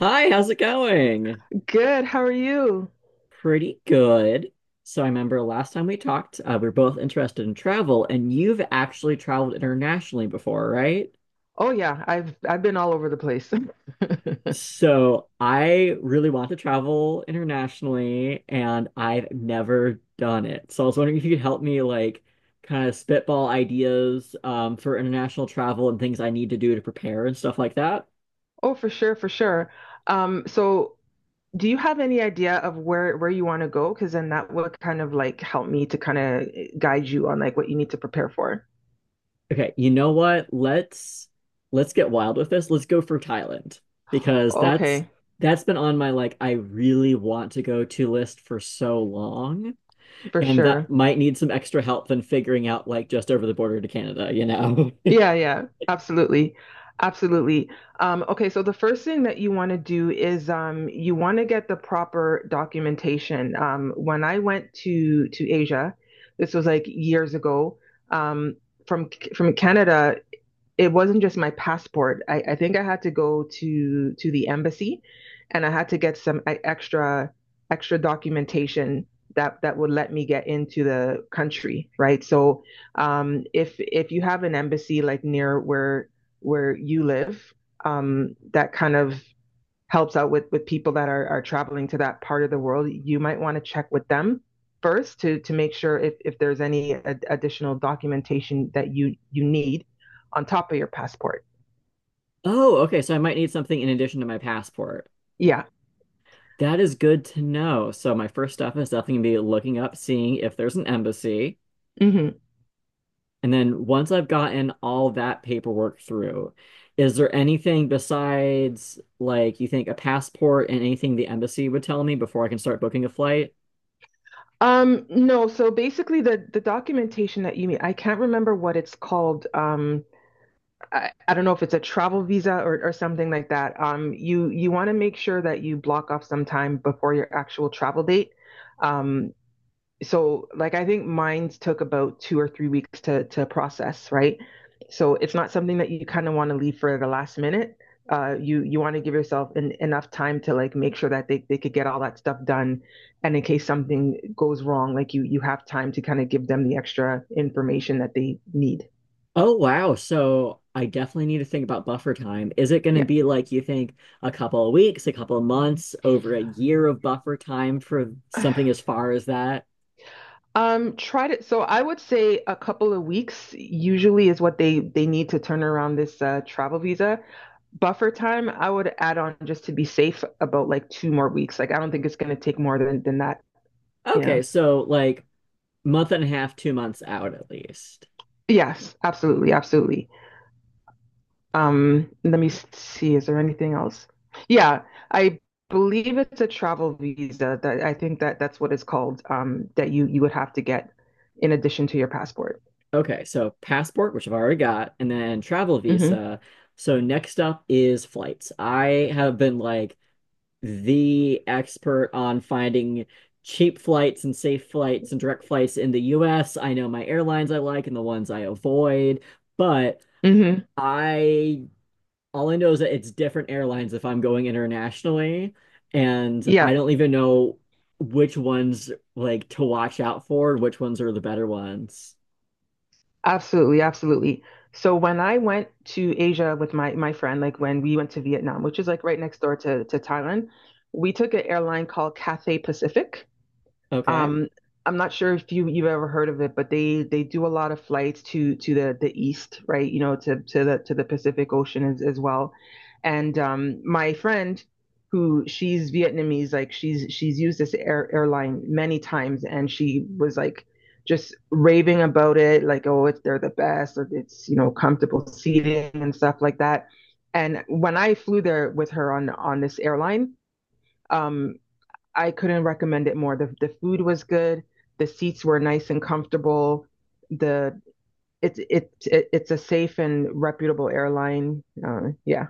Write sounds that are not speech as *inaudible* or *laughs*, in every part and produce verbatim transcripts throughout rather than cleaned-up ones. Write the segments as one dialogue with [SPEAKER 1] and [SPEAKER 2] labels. [SPEAKER 1] Hi, how's it going?
[SPEAKER 2] Good. How are you?
[SPEAKER 1] Pretty good. So I remember last time we talked, uh, we are both interested in travel, and you've actually traveled internationally before, right?
[SPEAKER 2] Oh yeah, I've I've been all over the place. *laughs*
[SPEAKER 1] So I really want to travel internationally, and I've never done it. So I was wondering if you could help me, like, kind of spitball ideas um, for international travel and things I need to do to prepare and stuff like that.
[SPEAKER 2] Oh, for sure, for sure. Um, so do you have any idea of where where you want to go? Because then that would kind of like help me to kind of guide you on like what you need to prepare for.
[SPEAKER 1] Okay, you know what? Let's let's get wild with this. Let's go for Thailand because that's
[SPEAKER 2] Okay,
[SPEAKER 1] that's been on my like I really want to go to list for so long,
[SPEAKER 2] for
[SPEAKER 1] and that
[SPEAKER 2] sure.
[SPEAKER 1] might need some extra help than figuring out like just over the border to Canada, you know. *laughs*
[SPEAKER 2] Yeah, yeah, absolutely. Absolutely. Um, okay, so the first thing that you want to do is, um, you want to get the proper documentation. Um, when I went to to Asia, this was like years ago, um, from from Canada, it wasn't just my passport. I, I think I had to go to to the embassy, and I had to get some e- extra extra documentation that that would let me get into the country, right? So, um, if if you have an embassy like near where where you live, um, that kind of helps out with with people that are, are traveling to that part of the world. You might want to check with them first to to make sure if, if there's any ad- additional documentation that you you need on top of your passport.
[SPEAKER 1] Oh, okay, so I might need something in addition to my passport.
[SPEAKER 2] Yeah.
[SPEAKER 1] That is good to know. So my first step is definitely gonna be looking up, seeing if there's an embassy.
[SPEAKER 2] Hmm.
[SPEAKER 1] And then once I've gotten all that paperwork through, is there anything besides like you think a passport and anything the embassy would tell me before I can start booking a flight?
[SPEAKER 2] Um no so basically the the documentation that you need, I can't remember what it's called. Um I, I don't know if it's a travel visa or, or something like that. Um you you want to make sure that you block off some time before your actual travel date, um so like I think mines took about two or three weeks to to process, right? So it's not something that you kind of want to leave for the last minute. Uh, you you want to give yourself en- enough time to like make sure that they, they could get all that stuff done, and in case something goes wrong, like you you have time to kind of give them the extra information that they need.
[SPEAKER 1] Oh wow, so I definitely need to think about buffer time. Is it going to
[SPEAKER 2] Yeah.
[SPEAKER 1] be like you think a couple of weeks, a couple of months, over a year of buffer time for something as far as that?
[SPEAKER 2] Um, tried it. So I would say a couple of weeks usually is what they they need to turn around this uh, travel visa. Buffer time, I would add on just to be safe about like two more weeks. Like I don't think it's going to take more than than that. Yeah.
[SPEAKER 1] Okay, so like month and a half, two months out at least.
[SPEAKER 2] Yes, absolutely, absolutely. Um, let me s- see. Is there anything else? Yeah, I believe it's a travel visa that I think that that's what it's called. Um, that you you would have to get in addition to your passport.
[SPEAKER 1] Okay, so passport, which I've already got, and then travel
[SPEAKER 2] Mm-hmm.
[SPEAKER 1] visa. So next up is flights. I have been like the expert on finding cheap flights and safe flights and direct flights in the U S. I know my airlines I like and the ones I avoid, but
[SPEAKER 2] Mm-hmm.
[SPEAKER 1] I all I know is that it's different airlines if I'm going internationally, and I
[SPEAKER 2] Yeah.
[SPEAKER 1] don't even know which ones like to watch out for, which ones are the better ones.
[SPEAKER 2] Absolutely, absolutely. So when I went to Asia with my my friend, like when we went to Vietnam, which is like right next door to to Thailand, we took an airline called Cathay Pacific.
[SPEAKER 1] Okay.
[SPEAKER 2] Um, I'm not sure if you you've ever heard of it, but they they do a lot of flights to to the the east, right? You know, to to the to the Pacific Ocean as, as well. And um, my friend, who, she's Vietnamese, like she's she's used this air, airline many times, and she was like just raving about it, like, oh, it's they're the best, or it's, you know, comfortable seating and stuff like that. And when I flew there with her on on this airline, um, I couldn't recommend it more. The the food was good. The seats were nice and comfortable. The it's it, it it's a safe and reputable airline. Uh, yeah,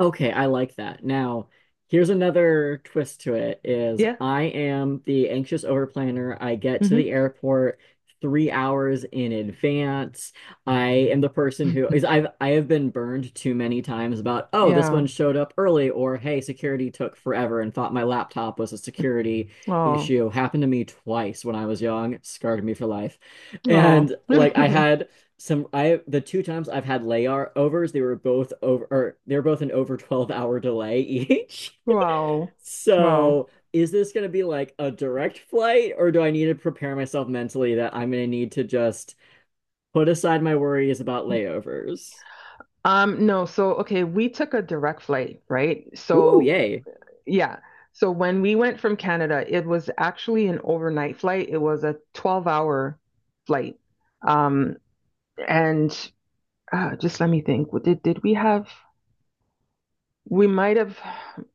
[SPEAKER 1] Okay, I like that. Now, here's another twist to it is
[SPEAKER 2] yeah,
[SPEAKER 1] I am the anxious overplanner. I get to the
[SPEAKER 2] mm-hmm.
[SPEAKER 1] airport three hours in advance. I am the person who is I've I have been burned too many times about, oh, this one
[SPEAKER 2] Yeah.
[SPEAKER 1] showed up early, or hey, security took forever and thought my laptop was a security
[SPEAKER 2] Oh,
[SPEAKER 1] issue. Happened to me twice when I was young, scarred me for life.
[SPEAKER 2] oh,
[SPEAKER 1] And like I
[SPEAKER 2] *laughs*
[SPEAKER 1] had some I the two times I've had layovers, they were both over or they were both an over twelve hour delay each. *laughs*
[SPEAKER 2] wow, wow.
[SPEAKER 1] So is this going to be like a direct flight or do I need to prepare myself mentally that I'm going to need to just put aside my worries about layovers?
[SPEAKER 2] Um, no. So, okay, we took a direct flight, right?
[SPEAKER 1] Ooh,
[SPEAKER 2] So
[SPEAKER 1] yay.
[SPEAKER 2] yeah. So when we went from Canada, it was actually an overnight flight. It was a twelve hour flight. Um, and uh, just let me think. What Did did we have? We might have.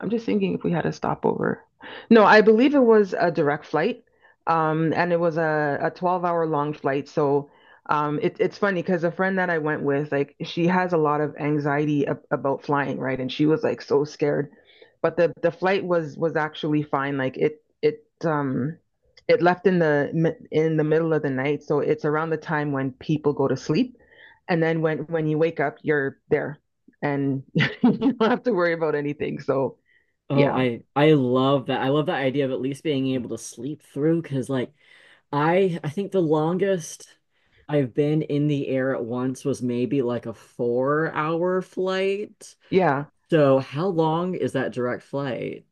[SPEAKER 2] I'm just thinking if we had a stopover. No, I believe it was a direct flight. Um, and it was a, a twelve hour long flight. So um, it, it's funny because a friend that I went with, like, she has a lot of anxiety ab about flying, right? And she was like so scared. But the, the flight was was actually fine. Like it it um it left in the mi- in the middle of the night. So it's around the time when people go to sleep. And then when when you wake up, you're there, and *laughs* you don't have to worry about anything. So
[SPEAKER 1] Oh,
[SPEAKER 2] yeah,
[SPEAKER 1] I I love that. I love that idea of at least being able to sleep through because like I I think the longest I've been in the air at once was maybe like a four hour flight.
[SPEAKER 2] yeah.
[SPEAKER 1] So how long is that direct flight?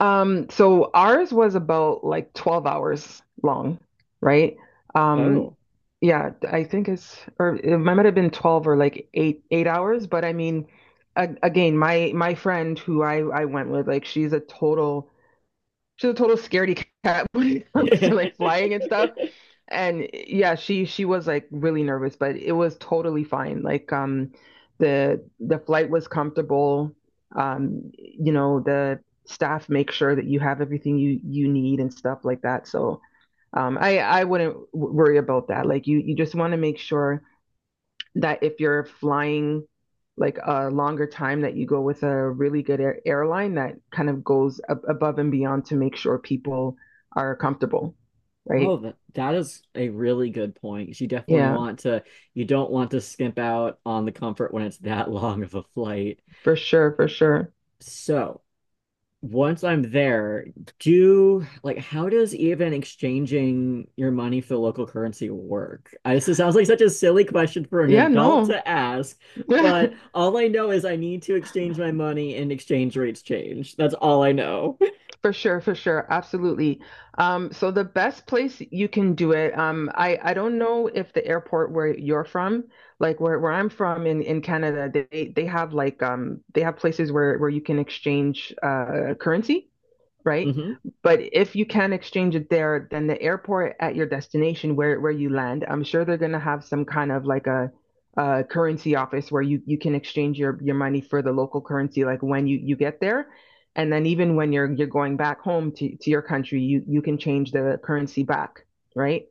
[SPEAKER 2] Um, so ours was about like twelve hours long, right? Um,
[SPEAKER 1] Oh,
[SPEAKER 2] yeah, I think it's or it might have been twelve or like eight eight hours, but I mean, a, again, my my friend who I I went with, like, she's a total she's a total scaredy cat *laughs* when it comes to like
[SPEAKER 1] *laughs*
[SPEAKER 2] flying and stuff. And, eh, yeah, she she was like really nervous, but it was totally fine. Like, um the the flight was comfortable. Um, you know, the staff make sure that you have everything you you need and stuff like that. So, um I I wouldn't w- worry about that. Like, you you just want to make sure that if you're flying like a longer time, that you go with a really good air airline that kind of goes ab above and beyond to make sure people are comfortable,
[SPEAKER 1] Oh,
[SPEAKER 2] right?
[SPEAKER 1] that, that is a really good point. You definitely
[SPEAKER 2] Yeah.
[SPEAKER 1] want to, you don't want to skimp out on the comfort when it's that *laughs* long of a flight.
[SPEAKER 2] For sure, for sure.
[SPEAKER 1] So once I'm there, do like, how does even exchanging your money for local currency work? I, this sounds like such a silly question for an
[SPEAKER 2] Yeah,
[SPEAKER 1] adult
[SPEAKER 2] no.
[SPEAKER 1] to ask,
[SPEAKER 2] *laughs*
[SPEAKER 1] but all I know is I need to exchange my money and exchange rates change. That's all I know. *laughs*
[SPEAKER 2] For sure, for sure. Absolutely. Um, so the best place you can do it, um, I, I don't know if the airport where you're from, like where, where I'm from in, in Canada, they they have like, um they have places where, where you can exchange uh currency. Right?
[SPEAKER 1] Mhm.
[SPEAKER 2] But if you can exchange it there, then the airport at your destination where where you land, I'm sure they're gonna have some kind of like a, a currency office where you you can exchange your your money for the local currency like when you you get there. And then even when you're you're going back home to, to your country, you you can change the currency back, right?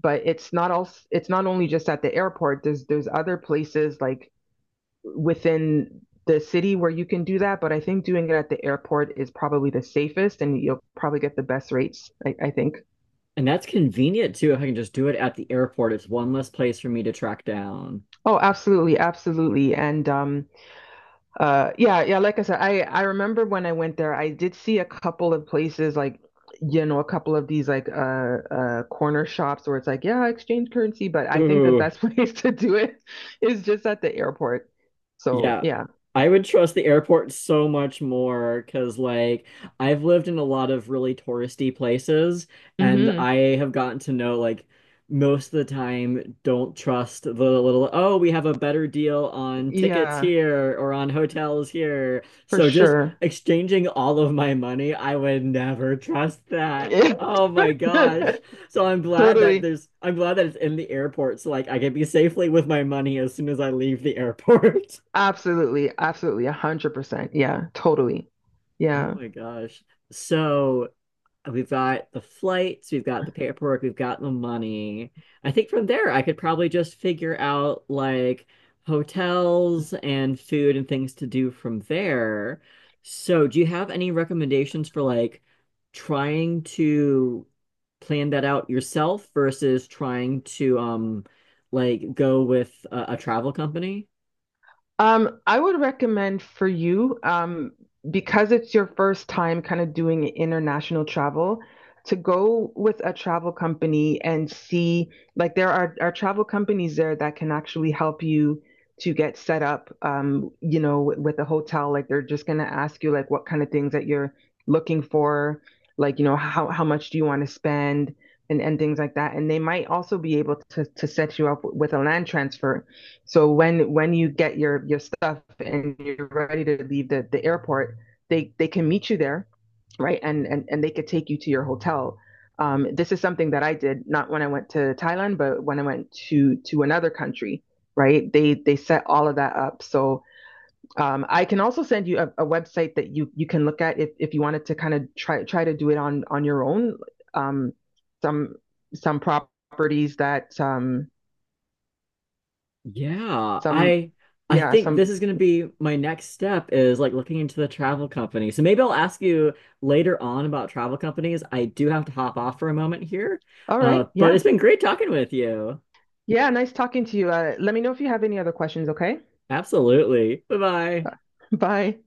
[SPEAKER 2] But it's not all it's not only just at the airport. There's there's other places like within the city where you can do that, but I think doing it at the airport is probably the safest, and you'll probably get the best rates, I, I think.
[SPEAKER 1] And that's convenient too if I can just do it at the airport. It's one less place for me to track down.
[SPEAKER 2] Oh, absolutely, absolutely. And, um uh yeah, yeah, like I said, I I remember when I went there, I did see a couple of places, like, you know, a couple of these like, uh uh corner shops where it's like, yeah, exchange currency, but I think the
[SPEAKER 1] Ooh.
[SPEAKER 2] best *laughs* place to do it is just at the airport. So,
[SPEAKER 1] Yeah,
[SPEAKER 2] yeah.
[SPEAKER 1] I would trust the airport so much more because, like, I've lived in a lot of really touristy places, and
[SPEAKER 2] Hmm.
[SPEAKER 1] I have gotten to know, like, most of the time, don't trust the little, oh, we have a better deal on tickets
[SPEAKER 2] Yeah,
[SPEAKER 1] here or on hotels here.
[SPEAKER 2] for
[SPEAKER 1] So just
[SPEAKER 2] sure.
[SPEAKER 1] exchanging all of my money, I would never trust that. Oh my gosh. So
[SPEAKER 2] *laughs*
[SPEAKER 1] I'm glad that
[SPEAKER 2] Totally.
[SPEAKER 1] there's, I'm glad that it's in the airport so like I can be safely with my money as soon as I leave the *laughs* airport.
[SPEAKER 2] Absolutely. Absolutely. A hundred percent. Yeah. Totally.
[SPEAKER 1] Oh
[SPEAKER 2] Yeah.
[SPEAKER 1] my gosh. So we've got the flights, we've got the paperwork, we've got the money. I think from there I could probably just figure out like hotels and food and things to do from there. So do you have any recommendations for like trying to plan that out yourself versus trying to um like go with a, a travel company?
[SPEAKER 2] Um, I would recommend for you, um, because it's your first time kind of doing international travel, to go with a travel company and see, like, there are, are travel companies there that can actually help you to get set up, um, you know, with, with a hotel. Like, they're just gonna ask you like what kind of things that you're looking for, like, you know, how how much do you want to spend, and, and, things like that. And they might also be able to to set you up with a land transfer, so when when you get your your stuff and you're ready to leave the, the airport, they they can meet you there, right? And and and they could take you to your hotel. Um, this is something that I did not when I went to Thailand, but when I went to to another country, right? They they set all of that up. So, um, I can also send you a, a website that you you can look at if if you wanted to kind of try try to do it on on your own. Um, some some properties that, um,
[SPEAKER 1] Yeah,
[SPEAKER 2] some
[SPEAKER 1] I I
[SPEAKER 2] yeah
[SPEAKER 1] think this
[SPEAKER 2] some
[SPEAKER 1] is going to be my next step is like looking into the travel company. So maybe I'll ask you later on about travel companies. I do have to hop off for a moment here.
[SPEAKER 2] all
[SPEAKER 1] Uh,
[SPEAKER 2] right,
[SPEAKER 1] but
[SPEAKER 2] yeah.
[SPEAKER 1] it's been great talking with you.
[SPEAKER 2] Yeah, nice talking to you. Uh, let me know if you have any other questions, okay?
[SPEAKER 1] Absolutely. Bye-bye.
[SPEAKER 2] *laughs* Bye.